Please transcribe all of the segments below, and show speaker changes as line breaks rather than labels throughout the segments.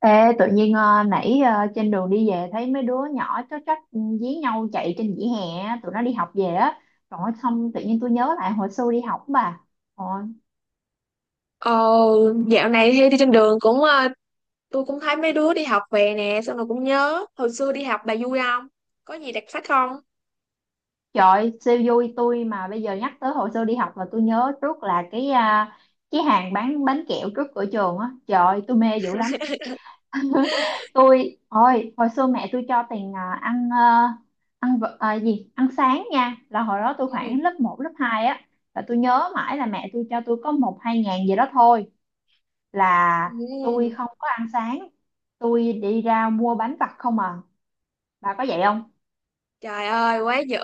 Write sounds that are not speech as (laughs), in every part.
Ê, tự nhiên nãy, trên đường đi về thấy mấy đứa nhỏ chó trách dí nhau chạy trên vỉa hè á, tụi nó đi học về á. Rồi xong tự nhiên tôi nhớ lại hồi xưa đi học bà. Ôi,
Ờ, Dạo này thì đi trên đường cũng tôi cũng thấy mấy đứa đi học về nè, xong rồi cũng nhớ hồi xưa đi học. Bà vui không, có gì đặc sắc không?
trời siêu vui, tôi mà bây giờ nhắc tới hồi xưa đi học là tôi nhớ trước là cái hàng bán bánh kẹo trước cửa trường á, trời tôi mê dữ lắm.
(laughs)
(laughs) Tôi, ôi hồi xưa mẹ tôi cho tiền ăn, gì ăn sáng nha, là hồi đó tôi
Ừ.
khoảng lớp một lớp 2 á, là tôi nhớ mãi là mẹ tôi cho tôi có một hai ngàn gì đó thôi, là tôi
Ừ.
không có ăn sáng, tôi đi ra mua bánh vặt không à. Bà có vậy không?
Trời ơi, quá dữ.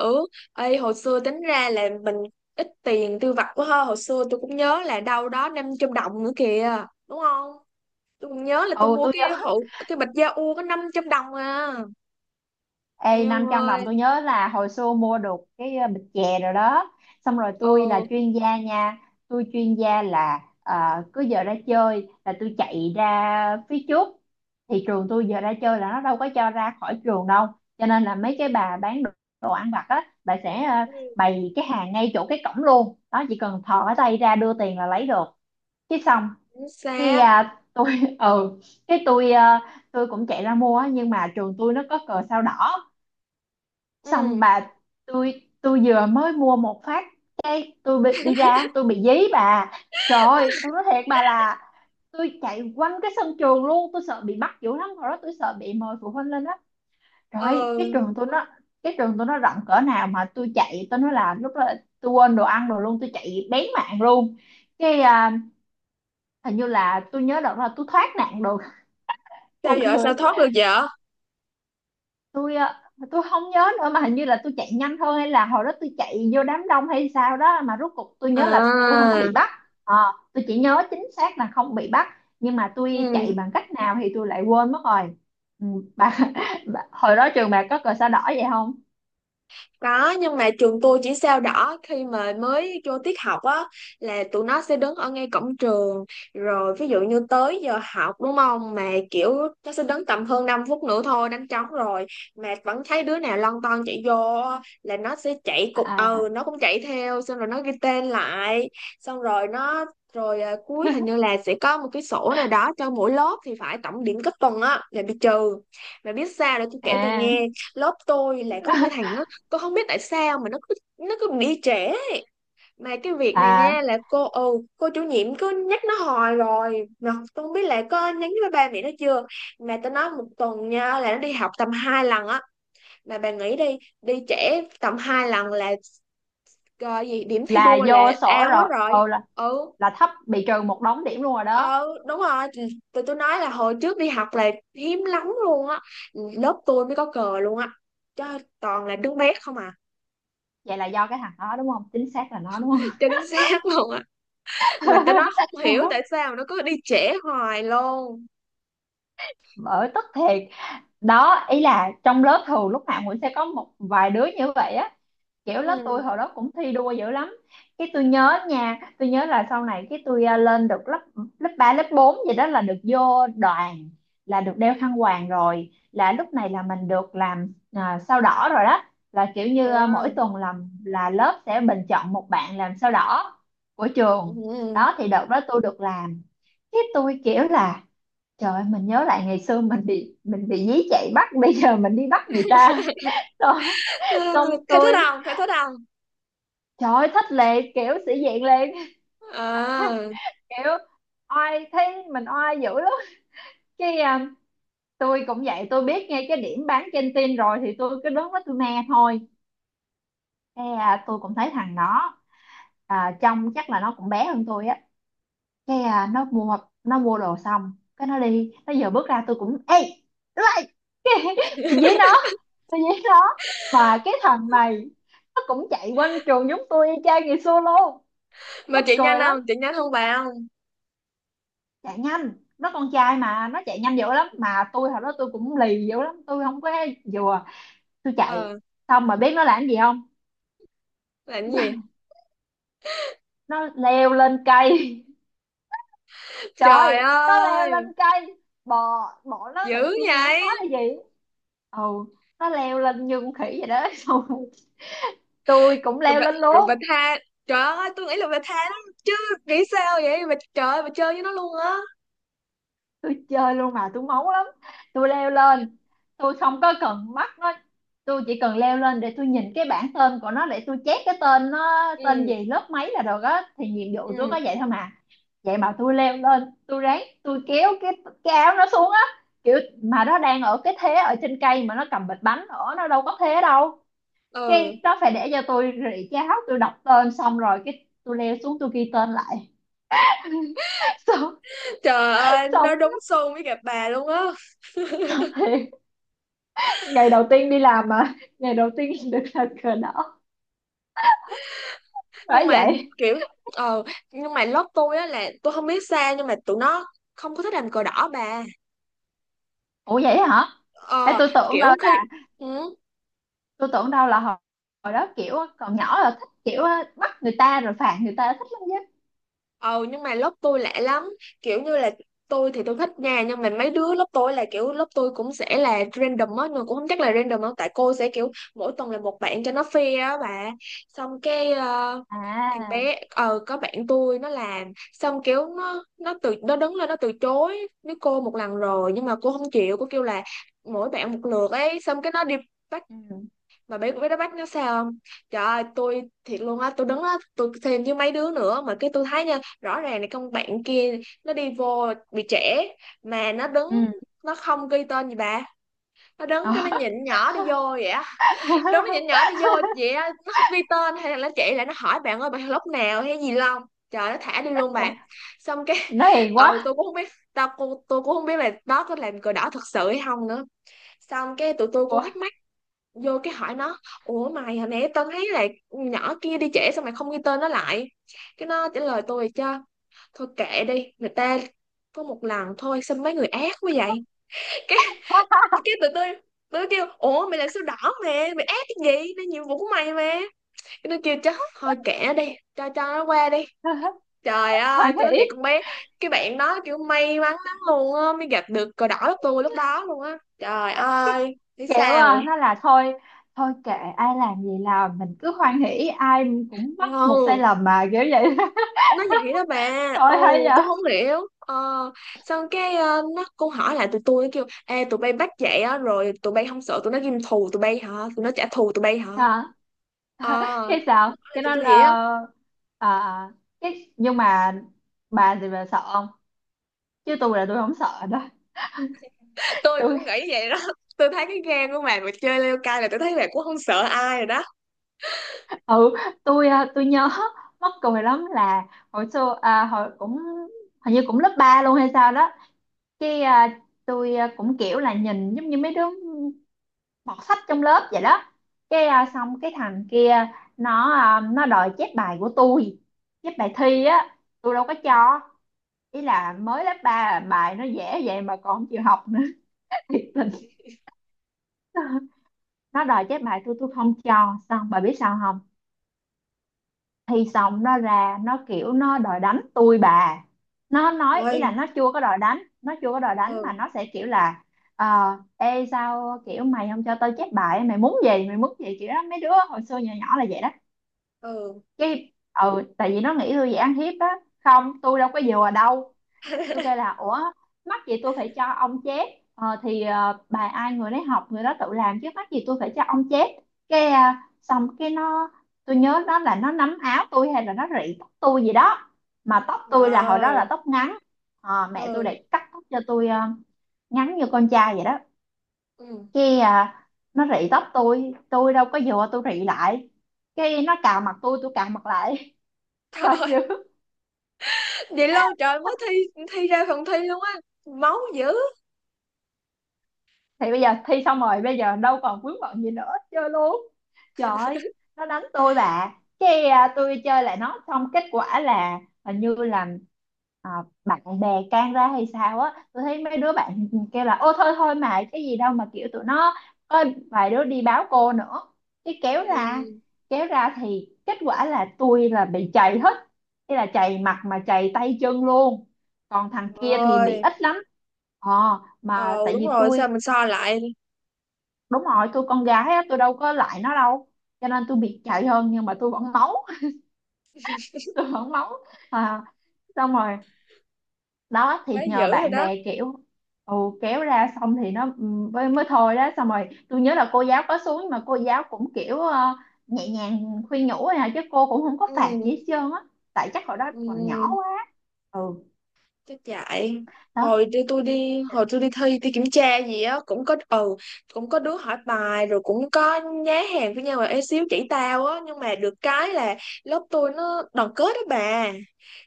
Ê, hồi xưa tính ra là mình ít tiền tiêu vặt quá ha. Hồi xưa tôi cũng nhớ là đâu đó 500 đồng nữa kìa, đúng không? Tôi cũng nhớ là tôi
Ừ,
mua
tôi
cái
nhớ.
hộ, cái bịch da u có 500 đồng à.
Ê,
Eo
500 đồng tôi
ơi.
nhớ là hồi xưa mua được cái bịch chè rồi đó. Xong rồi tôi là
Ờ.
chuyên gia nha. Tôi chuyên gia là, cứ giờ ra chơi là tôi chạy ra phía trước. Thì trường tôi giờ ra chơi là nó đâu có cho ra khỏi trường đâu, cho nên là mấy cái bà bán đồ ăn vặt á. Bà sẽ
Ừ.
bày cái hàng ngay chỗ cái cổng luôn. Đó, chỉ cần thò cái tay ra đưa tiền là lấy được cái xong.
Chính
cái
xác.
à, tôi (laughs) ừ, cái tôi cũng chạy ra mua á, nhưng mà trường tôi nó có cờ sao đỏ. Xong
Ừ.
bà, tôi vừa mới mua một phát cái tôi bị đi ra, tôi bị dí bà. Rồi tôi nói thiệt bà là tôi chạy quanh cái sân trường luôn, tôi sợ bị bắt dữ lắm, hồi đó tôi sợ bị mời phụ huynh lên đó. Rồi
Ờ,
cái trường tôi nó rộng cỡ nào mà tôi chạy, tôi nói là lúc đó tôi quên đồ ăn rồi luôn, tôi chạy bén mạng luôn. cái à, Hình như là tôi nhớ đợt là tôi thoát nạn được,
sao
buồn
vậy, sao
cười. (laughs)
thoát được vậy?
tôi ạ, tôi không nhớ nữa, mà hình như là tôi chạy nhanh thôi, hay là hồi đó tôi chạy vô đám đông hay sao đó, mà rốt cuộc tôi nhớ là tôi không có
À,
bị bắt. Ờ, tôi chỉ nhớ chính xác là không bị bắt, nhưng mà tôi
ừ.
chạy bằng cách nào thì tôi lại quên mất rồi. Ừ, bà, (laughs) bà, hồi đó trường bà có cờ sao đỏ vậy không?
Có, nhưng mà trường tôi chỉ sao đỏ khi mà mới vô tiết học á, là tụi nó sẽ đứng ở ngay cổng trường, rồi ví dụ như tới giờ học đúng không, mà kiểu nó sẽ đứng tầm hơn 5 phút nữa thôi đánh trống rồi, mà vẫn thấy đứa nào lon ton chạy vô á, là nó sẽ chạy cục,
À,
ừ nó cũng chạy theo, xong rồi nó ghi tên lại. Xong rồi nó, rồi cuối
à.
hình như
(laughs)
là sẽ có một cái sổ nào đó cho mỗi lớp thì phải, tổng điểm cấp tuần á là bị trừ. Mà biết sao, để tôi kể bà nghe, lớp tôi là có một cái thằng nó, cô không biết tại sao mà nó cứ bị trễ. Mà cái việc này
À, à,
nè là cô, ừ, cô chủ nhiệm cứ nhắc nó hoài rồi mà tôi không biết là có nhắn với ba mẹ nó chưa. Mà tao nói một tuần nha, là nó đi học tầm 2 lần á. Mà bà nghĩ đi, đi trễ tầm 2 lần là gọi gì, điểm thi
là
đua là
vô sổ
ao hết
rồi.
rồi.
Ừ, là
Ừ.
là thấp bị trừ một đống điểm luôn rồi đó.
Ừ, đúng rồi. Ừ, tụi tôi nói là hồi trước đi học là hiếm lắm luôn á, lớp tôi mới có cờ luôn á, chứ toàn là đứa bé không à.
Vậy là do cái thằng đó đúng không, chính xác là nó đúng không.
(laughs) Chính xác luôn á. Mà tao nói không hiểu tại
(laughs)
sao nó cứ đi trễ hoài luôn.
Bởi tức thiệt đó, ý là trong lớp thường lúc nào cũng sẽ có một vài đứa như vậy á. Kiểu
Ừ.
lớp tôi hồi đó cũng thi đua dữ lắm. Cái tôi nhớ nha, tôi nhớ là sau này cái tôi lên được lớp, lớp ba lớp 4 gì đó là được vô đoàn, là được đeo khăn quàng rồi, là lúc này là mình được làm sao đỏ rồi đó. Là kiểu như
À,
mỗi tuần làm là lớp sẽ bình chọn một bạn làm sao đỏ của trường.
ừ.
Đó thì đợt đó tôi được làm. Cái tôi kiểu là: trời ơi, mình nhớ lại ngày xưa mình bị dí chạy bắt, bây giờ mình đi bắt người ta đó.
Ừ,
Xong
thấy thích
tôi,
không, thấy thích không?
trời ơi, thích lệ, kiểu sĩ diện lên. (laughs)
À,
Kiểu oai, thấy mình oai dữ lắm. cái à, tôi cũng vậy, tôi biết ngay cái điểm bán trên tin rồi thì tôi cứ đứng đó tôi me thôi. Tôi cũng thấy thằng đó, trông chắc là nó cũng bé hơn tôi á. cái à, nó mua nó mua đồ xong cái nó đi, nó giờ bước ra tôi cũng ê lại cái, (laughs) tôi dí nó, tôi dí nó. Mà cái thằng này nó cũng chạy quanh trường giống tôi y chang ngày xưa luôn,
mà
mắc
chị nhanh
cười lắm.
không, chị nhanh không bà không?
Chạy nhanh, nó con trai mà nó chạy nhanh dữ lắm, mà tôi hồi đó tôi cũng lì dữ lắm, tôi không có vừa, tôi chạy.
Ờ,
Xong mà biết nó làm gì không?
làm cái gì?
Nó leo lên cây. (laughs)
Trời
Trời, nó leo lên
ơi,
cây, bò bò. Nó nghĩ
dữ
tôi ngán nó
vậy.
là gì. Ừ, nó leo lên như con khỉ vậy đó. (laughs) Xong tôi cũng
Rồi
leo
bà,
lên
rồi bà
luôn,
tha, trời ơi tôi nghĩ là bà tha lắm chứ. Nghĩ sao vậy bà, trời ơi bà chơi với nó luôn á.
tôi chơi luôn mà, tôi máu lắm. Tôi leo lên, tôi không có cần mắt nó, tôi chỉ cần leo lên để tôi nhìn cái bảng tên của nó, để tôi chép cái tên nó tên
Ừ.
gì lớp mấy là được á, thì nhiệm vụ tôi
Ừ.
có vậy thôi mà. Vậy mà tôi leo lên tôi ráng tôi kéo cái áo nó xuống á, kiểu, mà nó đang ở cái thế ở trên cây mà nó cầm bịch bánh nữa, nó đâu có thế đâu.
Ừ.
Cái đó phải để cho tôi rỉ cháo, tôi đọc tên xong rồi cái tôi leo xuống tôi ghi tên lại. (laughs) xong
Trời ơi,
Xong
nó đúng xu với gặp bà luôn á.
thì ngày đầu tiên đi làm mà, ngày đầu tiên (laughs) được là cờ đỏ
Nhưng
phải
mà
vậy.
kiểu, ờ, nhưng mà lớp tôi á, là tôi không biết sao nhưng mà tụi nó không có thích làm cờ đỏ bà.
Ủa vậy hả? Ê,
Ờ, kiểu khi, ừ,
tôi tưởng đâu là hồi đó kiểu còn nhỏ là thích kiểu bắt người ta rồi phạt người ta thích lắm chứ.
ờ nhưng mà lớp tôi lạ lắm, kiểu như là tôi thì tôi thích nha, nhưng mà mấy đứa lớp tôi là kiểu, lớp tôi cũng sẽ là random á, nhưng mà cũng không chắc là random đâu, tại cô sẽ kiểu mỗi tuần là một bạn cho nó fair á bà. Xong cái thằng
À,
bé, ờ có bạn tôi nó làm, xong kiểu nó từ, nó đứng lên nó từ chối với cô một lần rồi, nhưng mà cô không chịu, cô kêu là mỗi bạn một lượt ấy, xong cái nó đi bắt.
ừ,
Mà biết biết đá banh nó sao không, trời ơi tôi thiệt luôn á, tôi đứng á, tôi thêm với mấy đứa nữa mà cái tôi thấy nha, rõ ràng là con bạn kia nó đi vô bị trễ, mà nó đứng,
ừ.
nó không ghi tên gì bà. Nó đứng cái
Ờ.
nó nhịn nhỏ đi vô vậy á. Đứng nó nhịn
(laughs)
nhỏ đi vô vậy á, nó không ghi tên hay là nó chạy lại nó hỏi bạn ơi bạn lúc nào hay gì không. Trời, nó thả đi luôn
Ủa,
bạn. Xong cái
nó
(laughs)
hiền
ừ
quá.
tôi cũng không biết, tao cô tôi cũng không biết là đó có làm cờ đỏ thật sự hay không nữa. Xong cái tụi tôi
Ủa.
cũng thắc mắc, vô cái hỏi nó ủa mày hồi nãy tao thấy là nhỏ kia đi trễ sao mày không ghi tên nó lại. Cái nó trả lời tôi cho, thôi kệ đi người ta, có một lần thôi sao mấy người ác quá vậy. Cái cái tụi tôi tụi tôi kêu ủa mày là sao đỏ mẹ mày, ác cái gì, nó nhiệm vụ của mày mà. Cái nó kêu, chắc thôi kệ nó đi, cho nó qua đi.
(laughs)
Trời ơi
Hoan
tôi nói
hỷ.
thiệt, con bé, cái bạn đó kiểu may mắn lắm luôn á, mới gặp được cờ đỏ của tôi lúc đó luôn á. Trời ơi, thấy
Kiểu
sao vậy?
nó là thôi, thôi kệ, ai làm gì làm mình cứ hoan hỉ, ai cũng mắc một sai
Ừ,
lầm mà kiểu vậy. (laughs)
nó vậy đó bà.
Thôi hay
Ồ
vậy.
tôi không hiểu xong cái nó cô hỏi lại tụi tôi, nó kêu ê tụi bay bắt vậy á rồi tụi bay không sợ tụi nó ghim thù tụi bay hả, tụi nó trả thù tụi bay hả.
À.
Ờ,
(laughs) cái
nó
sao
hỏi lại
cái nó
tụi tôi vậy á.
ờ, à, Cái nhưng mà bà thì bà sợ không, chứ tôi là tôi không sợ đó.
(laughs)
(laughs)
Tôi
tôi
cũng nghĩ vậy đó. Tôi thấy cái gan của bà mà chơi leo cai là tôi thấy bà cũng không sợ ai rồi đó.
ừ tôi à, Tôi nhớ mắc cười lắm là hồi xưa, hồi cũng, hình như cũng lớp 3 luôn hay sao đó. Cái à, tôi à, cũng kiểu là nhìn giống như mấy đứa bọt sách trong lớp vậy đó.
Ừ.
Xong cái thằng kia, nó đòi chép bài của tôi, chép bài thi á tôi đâu có cho. Ý là mới lớp ba, bài nó dễ vậy mà còn không chịu học nữa. (laughs) Thiệt tình. Nó đòi chép bài tôi không cho, xong bà biết sao không? Thì xong nó ra nó kiểu nó đòi đánh tôi bà, nó nói
Ôi,
ý là nó chưa có đòi đánh mà
ừ.
nó sẽ kiểu là, ờ ê, sao kiểu mày không cho tao chép bài, mày muốn gì mày muốn gì, kiểu đó, mấy đứa hồi xưa nhỏ nhỏ là vậy đó.
Ừ.
Cái, tại vì nó nghĩ tôi dễ ăn hiếp á. Không, tôi đâu có vừa đâu. Tôi kêu
(laughs)
là: ủa, mắc gì tôi phải cho ông chép, thì bài ai người đấy học, người đó tự làm chứ mắc gì tôi phải cho ông chép. Xong cái nó, tôi nhớ đó là nó nắm áo tôi hay là nó rị tóc tôi gì đó. Mà tóc
Trời
tôi là hồi đó
ơi,
là tóc ngắn. Ờ, mẹ tôi
ừ.
để cắt tóc cho tôi ngắn như con trai vậy đó.
Ừ,
cái à, nó rị tóc tôi đâu có vừa tôi rị lại, cái nó cào mặt tôi cào mặt lại.
trời ơi.
(laughs)
(laughs) Vậy lâu trời mới thi, thi ra phần thi luôn á, máu dữ.
Thì bây giờ thi xong rồi, bây giờ đâu còn vướng bận gì nữa, chơi luôn. Trời ơi, nó đánh tôi bà. Tôi chơi lại nó, xong kết quả là hình như là, à, bạn bè can ra hay sao á. Tôi thấy mấy đứa bạn kêu là: ô thôi thôi mà cái gì đâu mà, kiểu tụi nó có vài đứa đi báo cô nữa, cái kéo ra,
Ừ.
kéo ra thì kết quả là tôi là bị chày hết, thế là chày mặt mà chày tay chân luôn, còn thằng kia thì
Trời.
bị ít lắm. Mà
Ờ
tại
đúng
vì
rồi, sao
tôi,
mình so lại.
đúng rồi, tôi con gái á, tôi đâu có lại nó đâu, cho nên tôi biệt chạy hơn, nhưng mà tôi vẫn máu, (laughs) tôi vẫn máu. à, Xong rồi đó
Quá
thì nhờ
dữ rồi
bạn
đó.
bè kiểu, ừ, kéo ra, xong thì nó mới thôi đó, xong rồi tôi nhớ là cô giáo có xuống nhưng mà cô giáo cũng kiểu nhẹ nhàng khuyên nhủ thôi à, chứ cô cũng không có phạt gì
Ừ.
hết trơn á. Tại chắc hồi đó còn nhỏ
Ừ.
quá. Ừ
Chắc chạy,
đó,
hồi đi tôi đi, hồi tôi đi thi, thi kiểm tra gì á cũng có, ừ, cũng có đứa hỏi bài, rồi cũng có nhá hàng với nhau là ế xíu chỉ tao á, nhưng mà được cái là lớp tôi nó đoàn kết đó bà.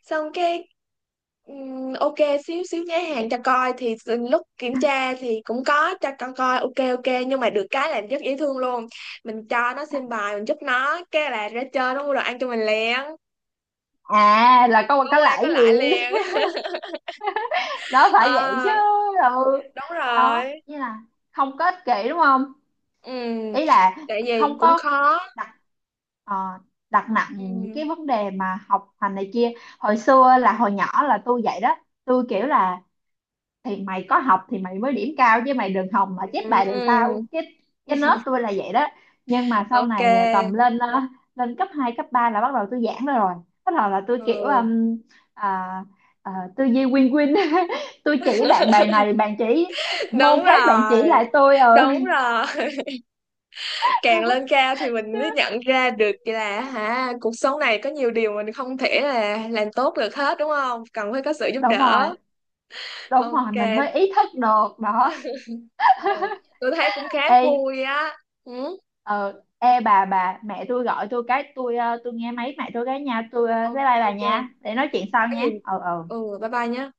Xong cái ok, xíu xíu nhá hàng cho coi thì lúc kiểm tra thì cũng có cho con coi ok ok, nhưng mà được cái là rất dễ thương luôn. Mình cho nó xem bài, mình giúp nó cái là ra chơi nó mua đồ ăn cho mình liền.
à là
Có
có
qua có
lại
lại
gì.
liền. (laughs)
(laughs) Đó phải vậy chứ.
Ờ,
Ừ
đúng
đó,
rồi.
như là không có ích kỷ đúng không,
Ừ,
ý là
tại vì
không
cũng
có
khó.
đặt ờ, đặt nặng những cái
Ừ.
vấn đề mà học hành này kia. Hồi xưa là hồi nhỏ là tôi vậy đó, tôi kiểu là: thì mày có học thì mày mới điểm cao chứ, mày đừng hòng mà chép
Ừ.
bài được tao. Cái nết tôi là vậy đó. Nhưng mà sau này tầm
Ok.
lên, lên cấp 2 cấp 3 là bắt đầu tôi giãn ra rồi, bắt đầu là tôi kiểu
Ừ,
à, tư duy win win. (laughs) Tôi chỉ bạn bài này, bạn chỉ môn
đúng
khác, bạn chỉ
rồi,
lại tôi
đúng rồi. (laughs) Càng lên
(laughs)
cao thì mình mới nhận ra được là hả, cuộc sống này có nhiều điều mình không thể là làm tốt được hết đúng không, cần phải có sự giúp
Đúng rồi,
đỡ.
đúng rồi, mình
Ok.
mới ý thức được đó.
Ừ. Tôi thấy cũng khá
Ê,
vui á. Ừ.
ờ ê bà, mẹ tôi gọi tôi, cái tôi nghe máy mẹ tôi cái nha, tôi bye
Ok
bye bà
ok.
nha, để nói
Ừ.
chuyện sau
Có gì.
nha. Ừ, ừ.
Ừ, bye bye nhé.